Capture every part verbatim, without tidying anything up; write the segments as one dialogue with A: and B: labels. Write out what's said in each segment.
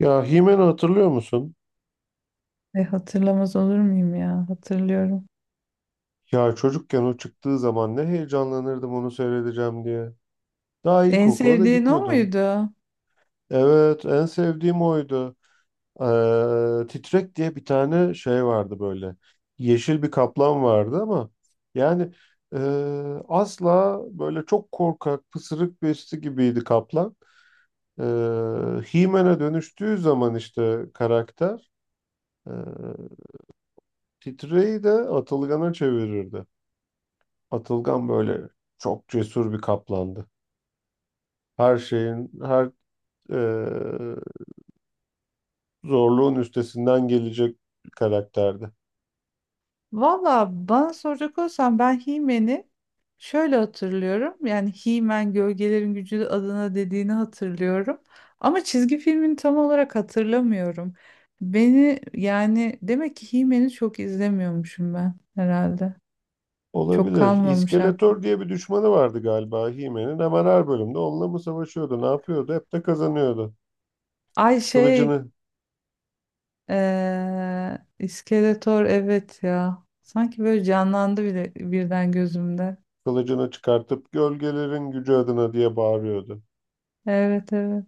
A: Ya He-Man'ı hatırlıyor musun?
B: E, hatırlamaz olur muyum ya? Hatırlıyorum.
A: Ya çocukken o çıktığı zaman ne heyecanlanırdım onu seyredeceğim diye. Daha
B: En
A: ilkokula da
B: sevdiğin o
A: gitmiyordum.
B: muydu?
A: Evet, en sevdiğim oydu. Ee, Titrek diye bir tane şey vardı böyle. Yeşil bir kaplan vardı ama yani e, asla böyle çok korkak, pısırık birisi gibiydi kaplan. Ee, He-Man'e dönüştüğü zaman işte karakter e, Titreyi de Atılgan'a çevirirdi. Atılgan böyle çok cesur bir kaplandı. Her şeyin, her e, zorluğun üstesinden gelecek bir karakterdi.
B: Valla bana soracak olsan ben He-Man'i şöyle hatırlıyorum. Yani He-Man Gölgelerin Gücü adına dediğini hatırlıyorum. Ama çizgi filmini tam olarak hatırlamıyorum. Beni yani demek ki He-Man'i çok izlemiyormuşum ben herhalde. Çok
A: Olabilir.
B: kalmamış
A: İskeletor
B: aklım.
A: diye bir düşmanı vardı galiba He-Man'in. Hemen her bölümde onunla mı savaşıyordu, ne yapıyordu? Hep de kazanıyordu.
B: Ay şey
A: Kılıcını,
B: eee İskeletor, evet ya. Sanki böyle canlandı bile birden gözümde.
A: kılıcını çıkartıp gölgelerin gücü adına diye bağırıyordu.
B: Evet, evet.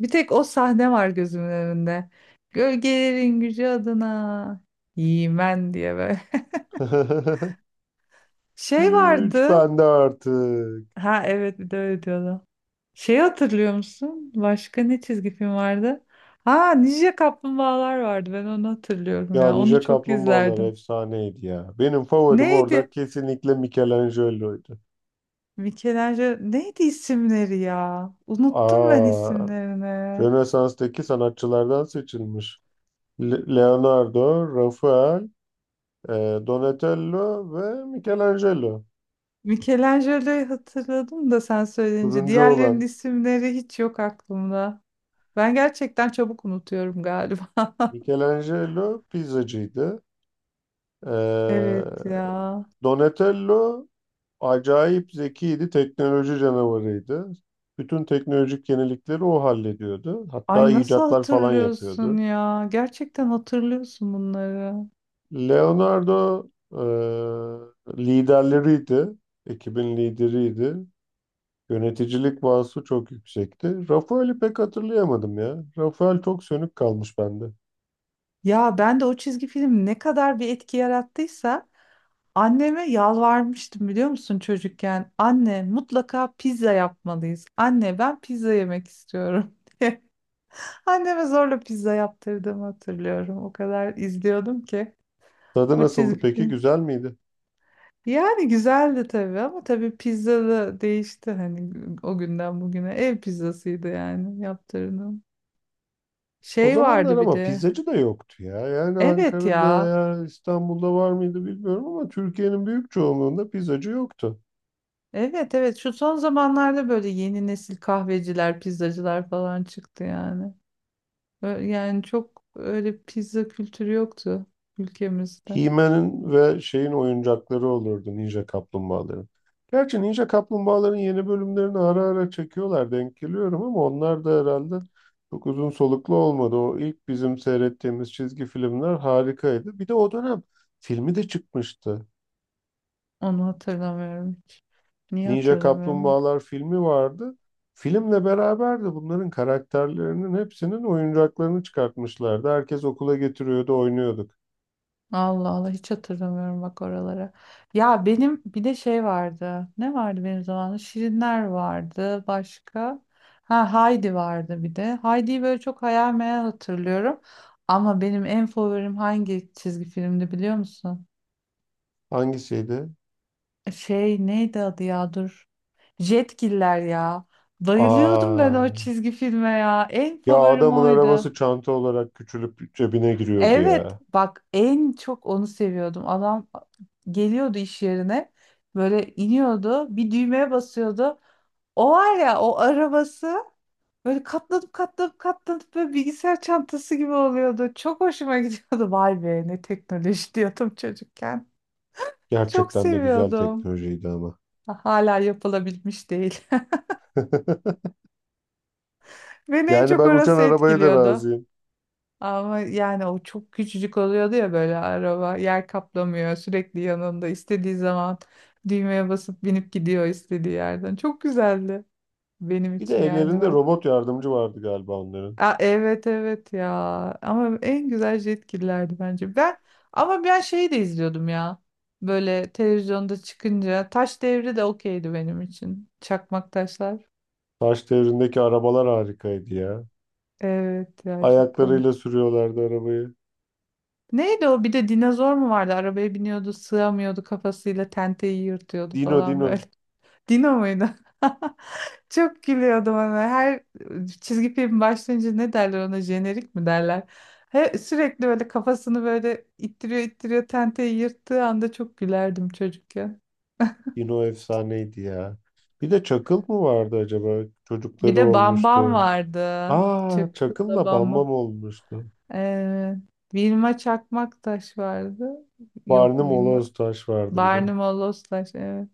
B: Bir tek o sahne var gözümün önünde. Gölgelerin gücü adına. Yemen diye böyle. Şey
A: Güç
B: vardı.
A: bende artık.
B: Ha evet, bir de öyle diyordu. Şeyi hatırlıyor musun? Başka ne çizgi film vardı? Ha, Ninja Kaplumbağalar vardı. Ben onu hatırlıyorum
A: Ya
B: ya. Onu
A: Ninja
B: çok
A: Kaplumbağalar
B: izlerdim.
A: efsaneydi ya. Benim favorim orada
B: Neydi?
A: kesinlikle Michelangelo'ydu.
B: Michelangelo neydi isimleri ya? Unuttum ben
A: Aa,
B: isimlerini.
A: Rönesans'taki sanatçılardan seçilmiş. Le- Leonardo, Rafael, e, Donatello ve Michelangelo.
B: Michelangelo'yu hatırladım da sen söyleyince.
A: Turuncu
B: Diğerlerinin
A: olan
B: isimleri hiç yok aklımda. Ben gerçekten çabuk unutuyorum galiba.
A: Michelangelo pizzacıydı. E,
B: Evet ya.
A: Donatello acayip zekiydi, teknoloji canavarıydı. Bütün teknolojik yenilikleri o hallediyordu. Hatta
B: Ay nasıl
A: icatlar falan
B: hatırlıyorsun
A: yapıyordu.
B: ya? Gerçekten hatırlıyorsun bunları.
A: Leonardo e, liderleriydi. Ekibin lideriydi. Yöneticilik vasfı çok yüksekti. Rafael'i pek hatırlayamadım ya. Rafael çok sönük kalmış bende.
B: Ya ben de o çizgi film ne kadar bir etki yarattıysa anneme yalvarmıştım biliyor musun çocukken? Anne mutlaka pizza yapmalıyız. Anne ben pizza yemek istiyorum. Anneme zorla pizza yaptırdığımı hatırlıyorum. O kadar izliyordum ki
A: Tadı
B: bu
A: nasıldı
B: çizgi
A: peki?
B: film.
A: Güzel miydi?
B: Yani güzeldi tabii, ama tabii pizza da değişti hani, o günden bugüne ev pizzasıydı yani yaptırdığım.
A: O
B: Şey
A: zamanlar
B: vardı bir
A: ama
B: de.
A: pizzacı da yoktu ya. Yani
B: Evet
A: Ankara'da
B: ya.
A: veya İstanbul'da var mıydı bilmiyorum ama Türkiye'nin büyük çoğunluğunda pizzacı yoktu.
B: Evet, evet, şu son zamanlarda böyle yeni nesil kahveciler, pizzacılar falan çıktı yani. Ö- Yani çok öyle pizza kültürü yoktu ülkemizde.
A: He-Man'in ve şeyin oyuncakları olurdu Ninja Kaplumbağaların. Gerçi Ninja Kaplumbağaların yeni bölümlerini ara ara çekiyorlar denk geliyorum ama onlar da herhalde çok uzun soluklu olmadı. O ilk bizim seyrettiğimiz çizgi filmler harikaydı. Bir de o dönem filmi de çıkmıştı.
B: Onu hatırlamıyorum hiç. Niye
A: Ninja
B: hatırlamıyorum?
A: Kaplumbağalar filmi vardı. Filmle beraber de bunların karakterlerinin hepsinin oyuncaklarını çıkartmışlardı. Herkes okula getiriyordu, oynuyorduk.
B: Allah Allah, hiç hatırlamıyorum bak oralara. Ya benim bir de şey vardı. Ne vardı benim zamanımda? Şirinler vardı başka. Ha, Haydi vardı bir de. Haydi'yi böyle çok hayal meyal hatırlıyorum. Ama benim en favorim hangi çizgi filmdi biliyor musun?
A: Hangisiydi?
B: E, Şey neydi adı ya, dur. Jetgiller ya. Bayılıyordum ben
A: Aa.
B: o çizgi filme ya. En
A: Ya
B: favorim
A: adamın
B: oydu.
A: arabası çanta olarak küçülüp cebine giriyordu
B: Evet
A: ya.
B: bak, en çok onu seviyordum. Adam geliyordu iş yerine, böyle iniyordu, bir düğmeye basıyordu. O var ya, o arabası böyle katlanıp katlanıp katlanıp böyle bilgisayar çantası gibi oluyordu. Çok hoşuma gidiyordu. Vay be, ne teknoloji diyordum çocukken. Çok
A: Gerçekten de güzel
B: seviyordum.
A: teknolojiydi ama.
B: Hala yapılabilmiş değil. Beni en
A: Yani
B: çok
A: ben uçan
B: orası
A: arabaya da
B: etkiliyordu.
A: razıyım.
B: Ama yani o çok küçücük oluyordu ya, böyle araba yer kaplamıyor, sürekli yanında istediği zaman düğmeye basıp binip gidiyor istediği yerden. Çok güzeldi benim
A: Bir de
B: için yani
A: ellerinde
B: ben.
A: robot yardımcı vardı galiba onların.
B: Aa, evet evet ya, ama en güzel Jetgiller'di bence. Ben ama ben şeyi de izliyordum ya, böyle televizyonda çıkınca Taş Devri de okeydi benim için. Çakmak Taşlar.
A: Taş devrindeki arabalar harikaydı ya.
B: Evet ya, çok
A: Ayaklarıyla
B: komik.
A: sürüyorlardı arabayı.
B: Neydi o? Bir de dinozor mu vardı? Arabaya biniyordu, sığamıyordu, kafasıyla tenteyi yırtıyordu
A: Dino
B: falan böyle.
A: Dino.
B: Dino muydu? Çok gülüyordum ona. Her çizgi film başlayınca ne derler ona? Jenerik mi derler? He, sürekli böyle kafasını böyle ittiriyor ittiriyor, tenteyi yırttığı anda çok gülerdim çocukken.
A: Dino efsaneydi ya. Bir de Çakıl mı vardı acaba?
B: Bir
A: Çocukları
B: de Bambam
A: olmuştu.
B: vardı.
A: Aa
B: Çıkkıla
A: Çakıl'la
B: Bambam.
A: Bambam olmuştu.
B: Ee, Vilma Çakmaktaş vardı. Yok
A: Barnum
B: Vilma,
A: Oloz Taş vardı bir de.
B: Barnum o Lost Taş, evet.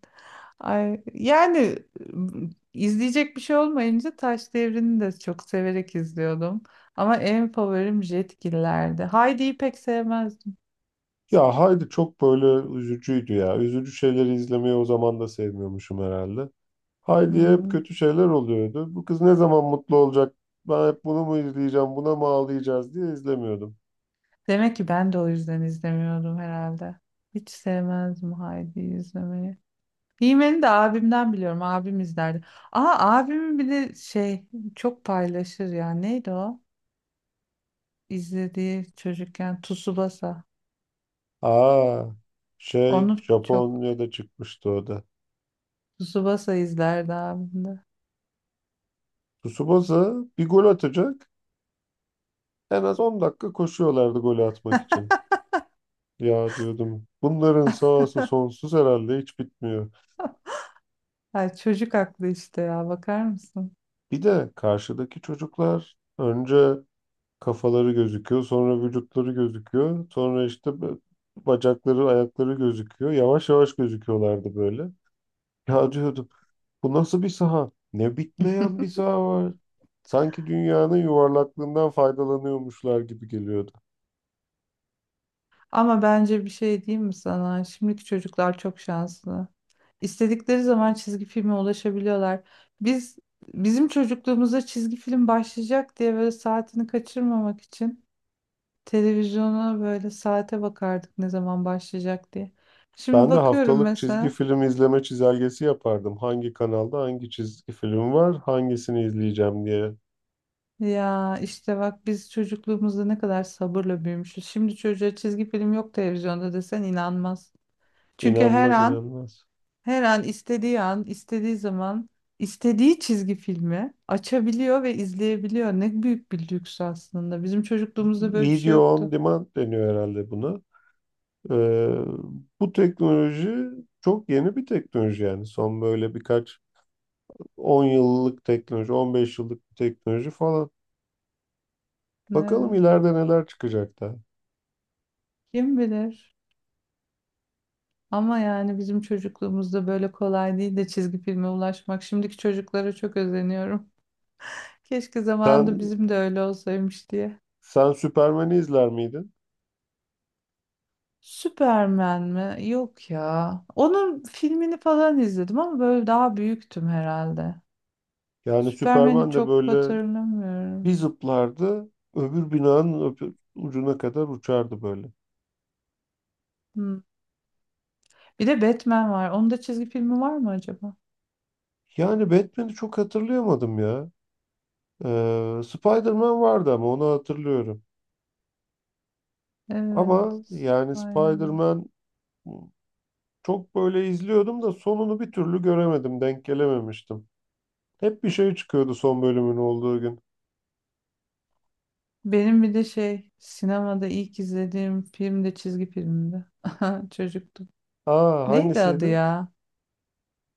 B: Ay, yani m, izleyecek bir şey olmayınca Taş Devri'ni de çok severek izliyordum. Ama en favorim Jetgiller'di. Heidi'yi pek sevmezdim.
A: Ya Haydi çok böyle üzücüydü ya. Üzücü şeyleri izlemeyi o zaman da sevmiyormuşum herhalde. Haydi'ye hep
B: Hmm.
A: kötü şeyler oluyordu. Bu kız ne zaman mutlu olacak? Ben hep bunu mu izleyeceğim, buna mı ağlayacağız diye izlemiyordum.
B: Demek ki ben de o yüzden izlemiyordum herhalde. Hiç sevmezdim Heidi'yi izlemeyi. He de abimden biliyorum. Abim izlerdi. Aa, abimin bir de şey çok paylaşır ya. Neydi o? İzlediği çocukken Tsubasa.
A: Aa, şey
B: Onu çok
A: Japonya'da çıkmıştı o da.
B: Tsubasa izlerdi abimde.
A: Tsubasa bir gol atacak. En az on dakika koşuyorlardı golü atmak için. Ya diyordum bunların sahası sonsuz herhalde hiç bitmiyor.
B: Ay çocuk aklı işte ya, bakar mısın?
A: Bir de karşıdaki çocuklar önce kafaları gözüküyor, sonra vücutları gözüküyor, sonra işte bö- bacakları, ayakları gözüküyor. Yavaş yavaş gözüküyorlardı böyle. Ya diyordum, bu nasıl bir saha? Ne bitmeyen bir saha var. Sanki dünyanın yuvarlaklığından faydalanıyormuşlar gibi geliyordu.
B: Ama bence bir şey diyeyim mi sana? Şimdiki çocuklar çok şanslı. İstedikleri zaman çizgi filme ulaşabiliyorlar. Biz bizim çocukluğumuzda çizgi film başlayacak diye böyle saatini kaçırmamak için televizyona böyle saate bakardık ne zaman başlayacak diye. Şimdi
A: Ben de
B: bakıyorum
A: haftalık çizgi
B: mesela.
A: film izleme çizelgesi yapardım. Hangi kanalda hangi çizgi film var, hangisini izleyeceğim diye.
B: Ya işte bak, biz çocukluğumuzda ne kadar sabırla büyümüşüz. Şimdi çocuğa çizgi film yok televizyonda desen inanmaz. Çünkü her
A: İnanmaz
B: an,
A: inanmaz.
B: her an istediği an, istediği zaman, istediği çizgi filmi açabiliyor ve izleyebiliyor. Ne büyük bir lüks aslında. Bizim çocukluğumuzda böyle bir şey
A: Video on
B: yoktu.
A: demand deniyor herhalde buna. Ee, bu teknoloji çok yeni bir teknoloji yani. Son böyle birkaç on yıllık teknoloji, on beş yıllık bir teknoloji falan. Bakalım
B: Evet,
A: ileride neler çıkacak da.
B: kim bilir? Ama yani bizim çocukluğumuzda böyle kolay değil de çizgi filme ulaşmak. Şimdiki çocuklara çok özeniyorum. Keşke zamanında
A: Sen
B: bizim de öyle olsaymış diye.
A: sen Süpermen'i izler miydin?
B: Superman mi? Yok ya. Onun filmini falan izledim ama böyle daha büyüktüm herhalde.
A: Yani
B: Superman'i
A: Süperman de
B: çok
A: böyle
B: hatırlamıyorum.
A: bir zıplardı, öbür binanın öbür ucuna kadar uçardı böyle.
B: Hmm. Bir de Batman var. Onun da çizgi filmi var mı acaba?
A: Yani Batman'i çok hatırlayamadım ya. Ee, Spider-Man vardı ama onu hatırlıyorum.
B: Evet.
A: Ama yani
B: Aynen.
A: Spider-Man çok böyle izliyordum da sonunu bir türlü göremedim, denk gelememiştim. Hep bir şey çıkıyordu son bölümün olduğu gün.
B: Benim bir de şey sinemada ilk izlediğim film de çizgi filmdi. Çocuktum.
A: Aa
B: Neydi adı
A: hangisiydi?
B: ya?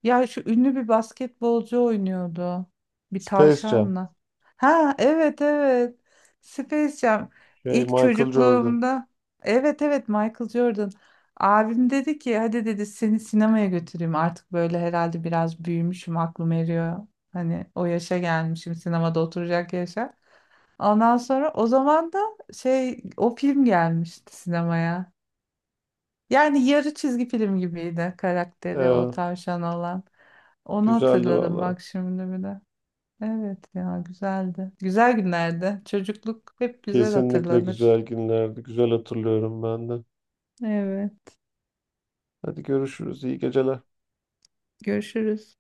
B: Ya şu ünlü bir basketbolcu oynuyordu. Bir
A: Space Jam.
B: tavşanla. Ha evet, evet. Space Jam.
A: Şey
B: İlk
A: Michael Jordan.
B: çocukluğumda. Evet evet, Michael Jordan. Abim dedi ki hadi dedi, seni sinemaya götüreyim. Artık böyle herhalde biraz büyümüşüm, aklım eriyor. Hani o yaşa gelmişim, sinemada oturacak yaşa. Ondan sonra o zaman da şey, o film gelmişti sinemaya. Yani yarı çizgi film gibiydi, karakteri o
A: Ee,
B: tavşan olan. Onu
A: güzeldi
B: hatırladım
A: valla.
B: bak şimdi bir de. Evet ya, güzeldi. Güzel günlerdi. Çocukluk hep güzel
A: Kesinlikle
B: hatırlanır.
A: güzel günlerdi. Güzel hatırlıyorum ben de.
B: Evet.
A: Hadi görüşürüz. İyi geceler.
B: Görüşürüz.